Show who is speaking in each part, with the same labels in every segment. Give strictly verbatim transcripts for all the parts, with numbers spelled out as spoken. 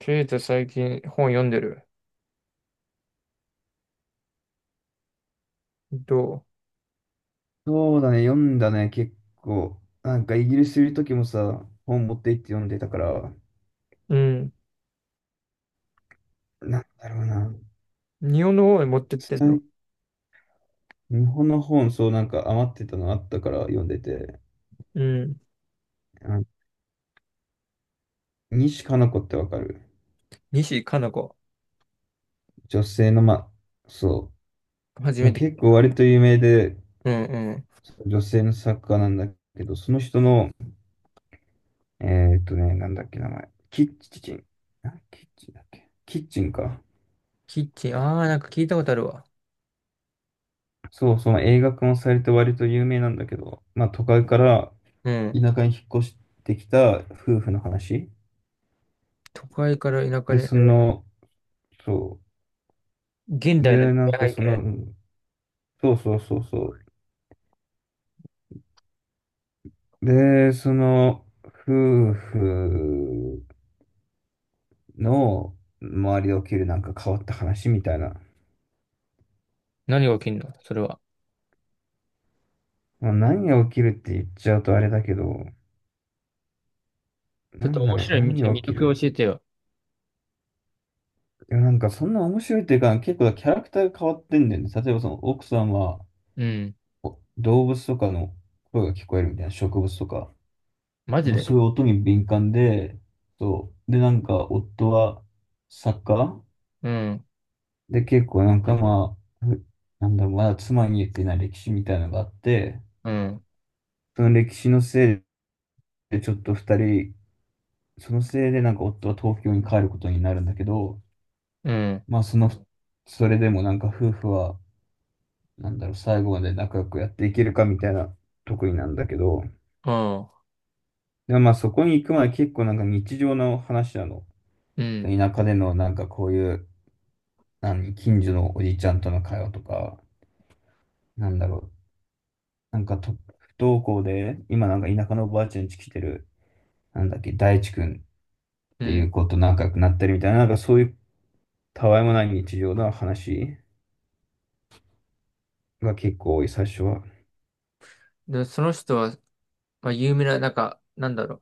Speaker 1: ケイタ最近本読んでるど
Speaker 2: そうだね、読んだね、結構。なんかイギリスいる時もさ、本持って行って読んでたから、
Speaker 1: ううん。
Speaker 2: なんだろうな。
Speaker 1: 日本の方へ持ってってんの？
Speaker 2: 最日本の本、そうなんか余ってたのあったから読んでて。
Speaker 1: うん。
Speaker 2: あ、西加奈子ってわかる？
Speaker 1: 西加奈子。
Speaker 2: 女性の、まあ、そ
Speaker 1: 初
Speaker 2: う。ま
Speaker 1: め
Speaker 2: あ、
Speaker 1: て聞い
Speaker 2: 結構割と有名で、
Speaker 1: た。うんうん。
Speaker 2: 女性の作家なんだけど、その人の、えーっとね、なんだっけ名前。キッチン。あ、キッチンだっけ、キッチンか。
Speaker 1: キッチン。ああ、なんか聞いたことあるわ。
Speaker 2: そう、その映画化もされて割と有名なんだけど、まあ都会から
Speaker 1: うん。
Speaker 2: 田舎に引っ越してきた夫婦の話。
Speaker 1: 都会から田舎
Speaker 2: で、
Speaker 1: に。
Speaker 2: その、そ
Speaker 1: 現
Speaker 2: う。
Speaker 1: 代の
Speaker 2: で、
Speaker 1: 時
Speaker 2: なんか
Speaker 1: 代背
Speaker 2: その、
Speaker 1: 景。
Speaker 2: そうそうそうそう。で、その、夫婦の周りで起きるなんか変わった話みたいな。
Speaker 1: 何が起きんのそれは？
Speaker 2: まあ、何が起きるって言っちゃうとあれだけど、
Speaker 1: ち
Speaker 2: な
Speaker 1: ょっ
Speaker 2: ん
Speaker 1: と
Speaker 2: だ
Speaker 1: 面
Speaker 2: ろう、
Speaker 1: 白い見
Speaker 2: 何
Speaker 1: て、
Speaker 2: が
Speaker 1: 魅
Speaker 2: 起き
Speaker 1: 力を
Speaker 2: る、
Speaker 1: 教えてよ。
Speaker 2: いや、なんかそんな面白いっていうか、結構キャラクターが変わってんだよね。例えばその奥さんは
Speaker 1: うん。
Speaker 2: お動物とかの声が聞こえるみたいな、植物とか。
Speaker 1: マジ
Speaker 2: もうそ
Speaker 1: で？
Speaker 2: ういう音に敏感で、そう。で、なんか、夫は作家
Speaker 1: うん。
Speaker 2: で、結構なんかまあ、ふなんだろう、まだ妻に言ってない歴史みたいなのがあって、
Speaker 1: うん。
Speaker 2: その歴史のせいでちょっと二人、そのせいでなんか夫は東京に帰ることになるんだけど、
Speaker 1: うん。
Speaker 2: まあその、それでもなんか夫婦は、なんだろう、最後まで仲良くやっていけるかみたいなとこになんだけど、
Speaker 1: ああ。
Speaker 2: でもまあそこに行くまで結構なんか日常の話なの。
Speaker 1: うん。
Speaker 2: 田舎でのなんかこういう、何、近所のおじちゃんとの会話とか、なんだろう、なんかと不登校で、今なんか田舎のおばあちゃん家来てる、なんだっけ、大地君っ
Speaker 1: う
Speaker 2: てい
Speaker 1: ん。
Speaker 2: う子と仲良くなったりみたいな、なんかそういうたわいもない日常の話が結構多い、最初は。
Speaker 1: で、その人は、まあ、有名な、なんか、なんだろ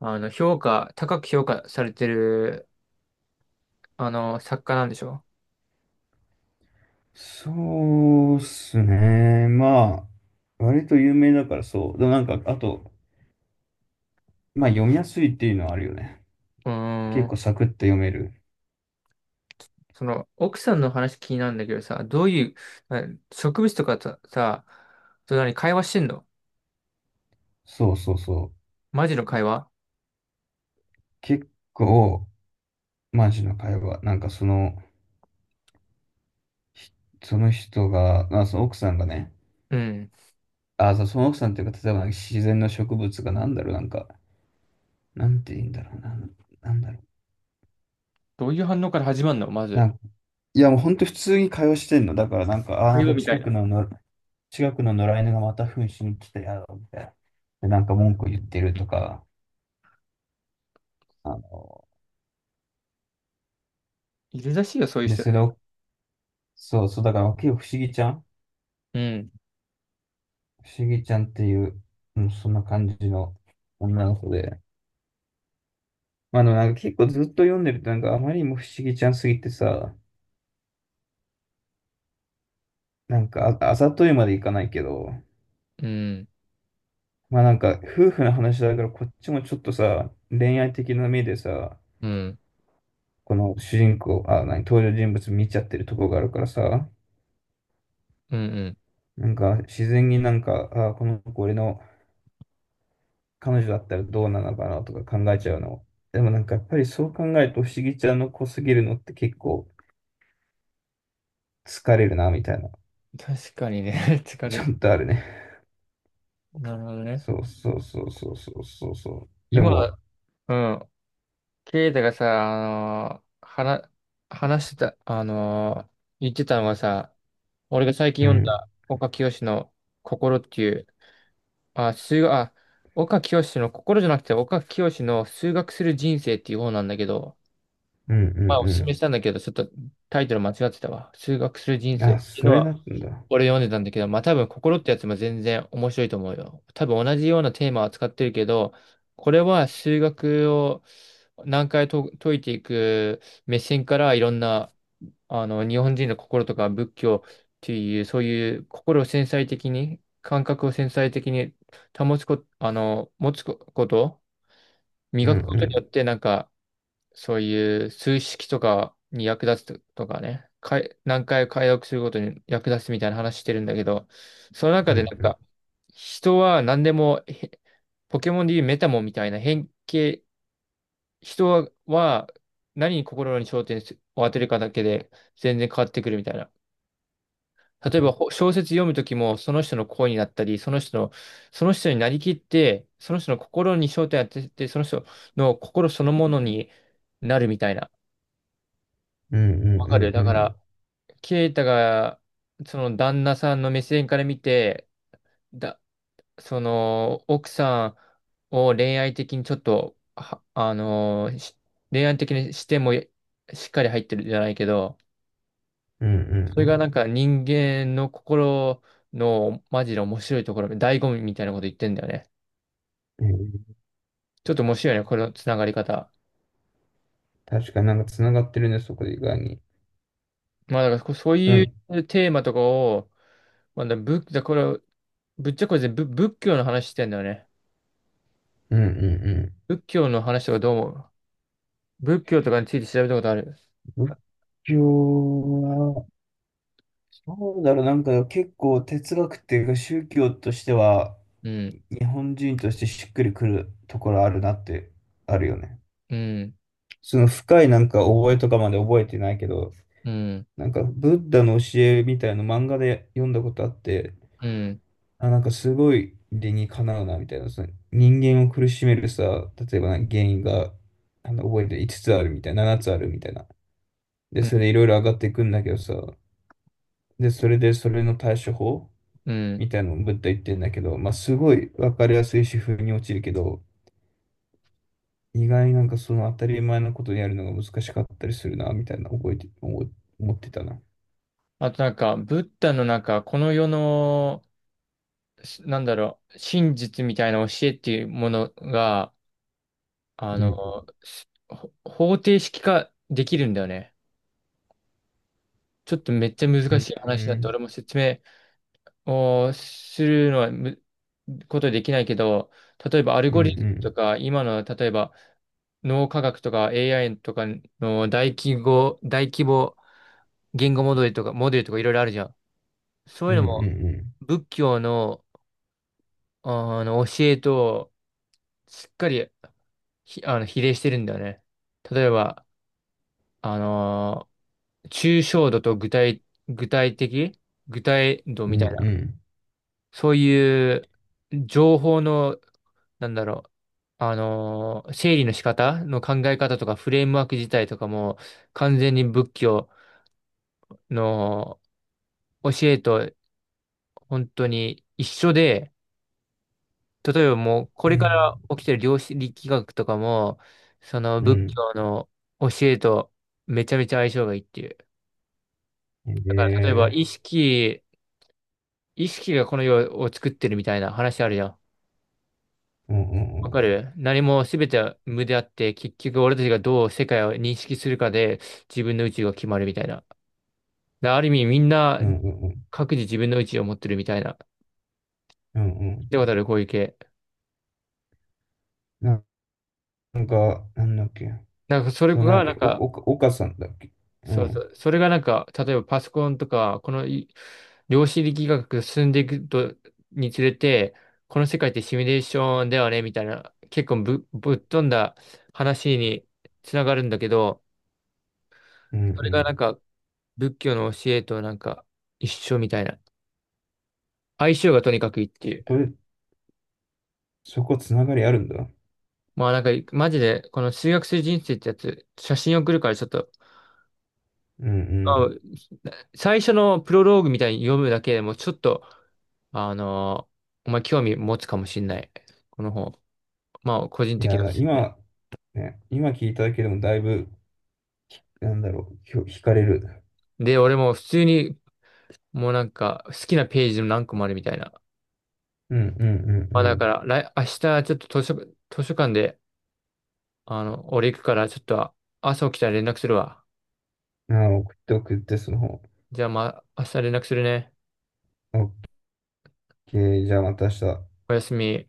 Speaker 1: う。あの、評価、高く評価されてるあの、作家なんでしょ？
Speaker 2: そうっすね。まあ、割と有名だからそう。でもなんか、あと、まあ読みやすいっていうのはあるよね。
Speaker 1: う
Speaker 2: 結
Speaker 1: ー
Speaker 2: 構
Speaker 1: ん。
Speaker 2: サクッと読める。
Speaker 1: その、奥さんの話気になるんだけどさ、どういう、あ植物とかとさ、と何、会話してんの？
Speaker 2: そうそうそう。
Speaker 1: マジの会話？
Speaker 2: 結構、マジの会話。なんかその、その人が、まあ、その奥さんがね、
Speaker 1: うん。
Speaker 2: あ、そうその奥さんっていうか、例えばなんか自然の植物がなんだろう、なんか、なんて言うんだろうな、なんだろう。
Speaker 1: どういう反応から始まるのまず？
Speaker 2: なんか、いや、もう本当普通に会話してんの。だからなんか、あ、な
Speaker 1: 会
Speaker 2: ん
Speaker 1: 話
Speaker 2: か
Speaker 1: みた
Speaker 2: 近
Speaker 1: い
Speaker 2: く
Speaker 1: な。
Speaker 2: のの、近くの野良犬がまた糞しに来たやろ、みたいな。で、なんか文句言ってるとか、あの、
Speaker 1: いるらしいよ、そういう
Speaker 2: で、
Speaker 1: 人。
Speaker 2: それを、そうそう、だから結構不思議ちゃん
Speaker 1: うん、
Speaker 2: 不思議ちゃんっていう、うん、そんな感じの女の子で。まあでもなんか結構ずっと読んでるとなんかあまりにも不思議ちゃんすぎてさ、なんか、あ、あざといまでいかないけど、
Speaker 1: うん、
Speaker 2: まあなんか、夫婦の話だからこっちもちょっとさ、恋愛的な目でさ、
Speaker 1: うん、
Speaker 2: この主人公、あ、何、登場人物見ちゃってるとこがあるからさ、
Speaker 1: うん、うん。
Speaker 2: なんか自然になんか、あ、この子俺の彼女だったらどうなのかなとか考えちゃうの。でもなんかやっぱりそう考えると不思議ちゃんの子すぎるのって結構疲れるなみたいな、
Speaker 1: 確かにね、疲れ
Speaker 2: ちゃ
Speaker 1: る、
Speaker 2: んとあるね。
Speaker 1: なるほどね。
Speaker 2: そうそうそうそうそうそうそう。で
Speaker 1: 今、
Speaker 2: も、
Speaker 1: うん、ケイタがさ、あのー、話、話してた、あのー、言ってたのがさ、俺が最近
Speaker 2: う
Speaker 1: 読ん
Speaker 2: ん、
Speaker 1: だ岡清の心っていう、あ、数学、あ、岡清の心じゃなくて岡清の数学する人生っていう方なんだけど、
Speaker 2: うんう
Speaker 1: まあおすすめし
Speaker 2: ん
Speaker 1: たんだけど、ちょっとタイトル間違ってたわ。数学する人
Speaker 2: うん。
Speaker 1: 生っ
Speaker 2: あ、
Speaker 1: ていう
Speaker 2: そ
Speaker 1: の
Speaker 2: れな
Speaker 1: は、
Speaker 2: んだ。
Speaker 1: 俺読んでたんだけど、まあ多分心ってやつも全然面白いと思うよ。多分同じようなテーマを扱ってるけど、これは数学を何回と解いていく目線からいろんなあの日本人の心とか仏教っていうそういう心を繊細的に感覚を繊細的に保つこ、あの持つこと、
Speaker 2: うん
Speaker 1: 磨
Speaker 2: う
Speaker 1: くことによっ
Speaker 2: ん
Speaker 1: てなんかそういう数式とかに役立つとかね、かい、何回解読することに役立つみたいな話してるんだけど、その
Speaker 2: う
Speaker 1: 中
Speaker 2: ん
Speaker 1: でなん
Speaker 2: うん
Speaker 1: か、人は何でも、へポケモンでいうメタモンみたいな変形、人は何に心に焦点を当てるかだけで全然変わってくるみたいな。例えばほ小説読むときもその人の声になったり、その人の、その人になりきって、その人の心に焦点を当てて、その人の心そのものになるみたいな。
Speaker 2: うんうんうん
Speaker 1: わかる？だか
Speaker 2: う
Speaker 1: ら、
Speaker 2: ん
Speaker 1: ケイタが、その旦那さんの目線から見て、だ、その、奥さんを恋愛的にちょっと、はあのーし恋愛的にしてもしっかり入ってるじゃないけど、
Speaker 2: うんう
Speaker 1: それが
Speaker 2: ん
Speaker 1: なんか人間の心のマジで面白いところ、醍醐味みたいなこと言ってんだよね。
Speaker 2: うんうん。
Speaker 1: ちょっと面白いよね、これのつながり方。
Speaker 2: 確かになんかつながってるね、そこで意外に。
Speaker 1: まあだからこそう
Speaker 2: う
Speaker 1: い
Speaker 2: ん、
Speaker 1: うテーマとかを、まあ、だ、仏、だ、これ、ぶっちゃけこれ全部仏教の話してんだよね。
Speaker 2: うんうん
Speaker 1: 仏教の話とかどう思う？仏教とかについて調べたことある？
Speaker 2: うん。仏教は、そうだろう、なんか結構哲学っていうか宗教としては、
Speaker 1: うん、
Speaker 2: 日本人としてしっくりくるところあるなって、あるよね。
Speaker 1: うん、
Speaker 2: その深いなんか覚えとかまで覚えてないけど、
Speaker 1: うん、
Speaker 2: なんかブッダの教えみたいな漫画で読んだことあって、
Speaker 1: うん、
Speaker 2: あ、なんかすごいでにかなうなみたいなさ、人間を苦しめるさ、例えばな、原因があの覚えて五つあるみたいな、七つあるみたいな、で
Speaker 1: う
Speaker 2: それで
Speaker 1: ん、
Speaker 2: いろいろ上がっていくんだけどさ、でそれでそれの対処法
Speaker 1: うん。
Speaker 2: みたいのぶっ飛んでいってるんだけど、まあすごいわかりやすい主婦に落ちるけど、意外なんかその当たり前のことやるのが難しかったりするなみたいな、覚えてお思ってたな。
Speaker 1: あとなんか、ブッダのなんか、この世の、しなんだろう、真実みたいな教えっていうものが、あ
Speaker 2: う
Speaker 1: の、
Speaker 2: ん
Speaker 1: すほ方程式化できるんだよね。ちょっとめっちゃ
Speaker 2: う
Speaker 1: 難しい話だって
Speaker 2: ん
Speaker 1: 俺も説明をするのはむことできないけど、例えばアル
Speaker 2: うんう
Speaker 1: ゴリズムと
Speaker 2: ん
Speaker 1: か、今の例えば脳科学とか エーアイ とかの大規模、大規模言語モデルとか、モデルとかいろいろあるじゃん。そう
Speaker 2: う
Speaker 1: いうのも
Speaker 2: ん
Speaker 1: 仏教の、あの教えとしっかりひあの比例してるんだよね。例えば、あのー抽象度と具体、具体的具体度
Speaker 2: う
Speaker 1: み
Speaker 2: んう
Speaker 1: たい
Speaker 2: んう
Speaker 1: な。
Speaker 2: ん
Speaker 1: そういう情報の、なんだろう。あのー整理の仕方の考え方とかフレームワーク自体とかも完全に仏教の教えと本当に一緒で、例えばもう、これから起きてる量子力学とかも、その仏
Speaker 2: う
Speaker 1: 教の教えとめちゃめちゃ相性がいいっていう。
Speaker 2: ん
Speaker 1: だから例えば
Speaker 2: ね。
Speaker 1: 意識、意識がこの世を作ってるみたいな話あるじゃん。
Speaker 2: うんうん
Speaker 1: わ
Speaker 2: う
Speaker 1: か
Speaker 2: ん。
Speaker 1: る？何も全ては無であって、結局俺たちがどう世界を認識するかで自分の宇宙が決まるみたいな。である意味みんな
Speaker 2: うんうんうん。
Speaker 1: 各自自分の宇宙を持ってるみたいな。
Speaker 2: うん、
Speaker 1: で、わかるこういう系？
Speaker 2: ななんか、なんだっけ。
Speaker 1: なんかそれ
Speaker 2: そう、なんだ
Speaker 1: が
Speaker 2: っ
Speaker 1: なん
Speaker 2: け。お、お、
Speaker 1: か、
Speaker 2: 岡さんだっけ。う
Speaker 1: そうそ
Speaker 2: ん。
Speaker 1: う。それがなんか、例えばパソコンとか、このい量子力学が進んでいくと、につれて、この世界ってシミュレーションだよね、みたいな、結構ぶ、ぶっ飛んだ話につながるんだけど、
Speaker 2: うんう
Speaker 1: それがなん
Speaker 2: ん。
Speaker 1: か、仏教の教えとなんか、一緒みたいな。相性がとにかくいいってい
Speaker 2: こ
Speaker 1: う。
Speaker 2: れ、そこつながりあるんだ。
Speaker 1: まあなんか、マジで、この数学する人生ってやつ、写真送るからちょっと、
Speaker 2: うん
Speaker 1: まあ
Speaker 2: う
Speaker 1: 最初のプロローグみたいに読むだけでも、ちょっと、あの、お前興味持つかもしんない。この本。まあ、個人
Speaker 2: ん。い
Speaker 1: 的
Speaker 2: や、
Speaker 1: なで
Speaker 2: だ
Speaker 1: すね。
Speaker 2: 今、ね、今聞いただけでもだいぶ、なんだろう、ひょ、惹かれる。
Speaker 1: で、俺も普通に、もうなんか、好きなページの何個もあるみたいな。
Speaker 2: うんうんう
Speaker 1: まあ、だ
Speaker 2: ん
Speaker 1: から、来、明日、ちょっと図書、図書館で、あの、俺行くから、ちょっと、朝起きたら連絡するわ。
Speaker 2: うん。あ、送って送って、その方。
Speaker 1: じゃあ、まあ、明日連絡するね。
Speaker 2: オッケー、じゃあまた明日。
Speaker 1: おやすみ。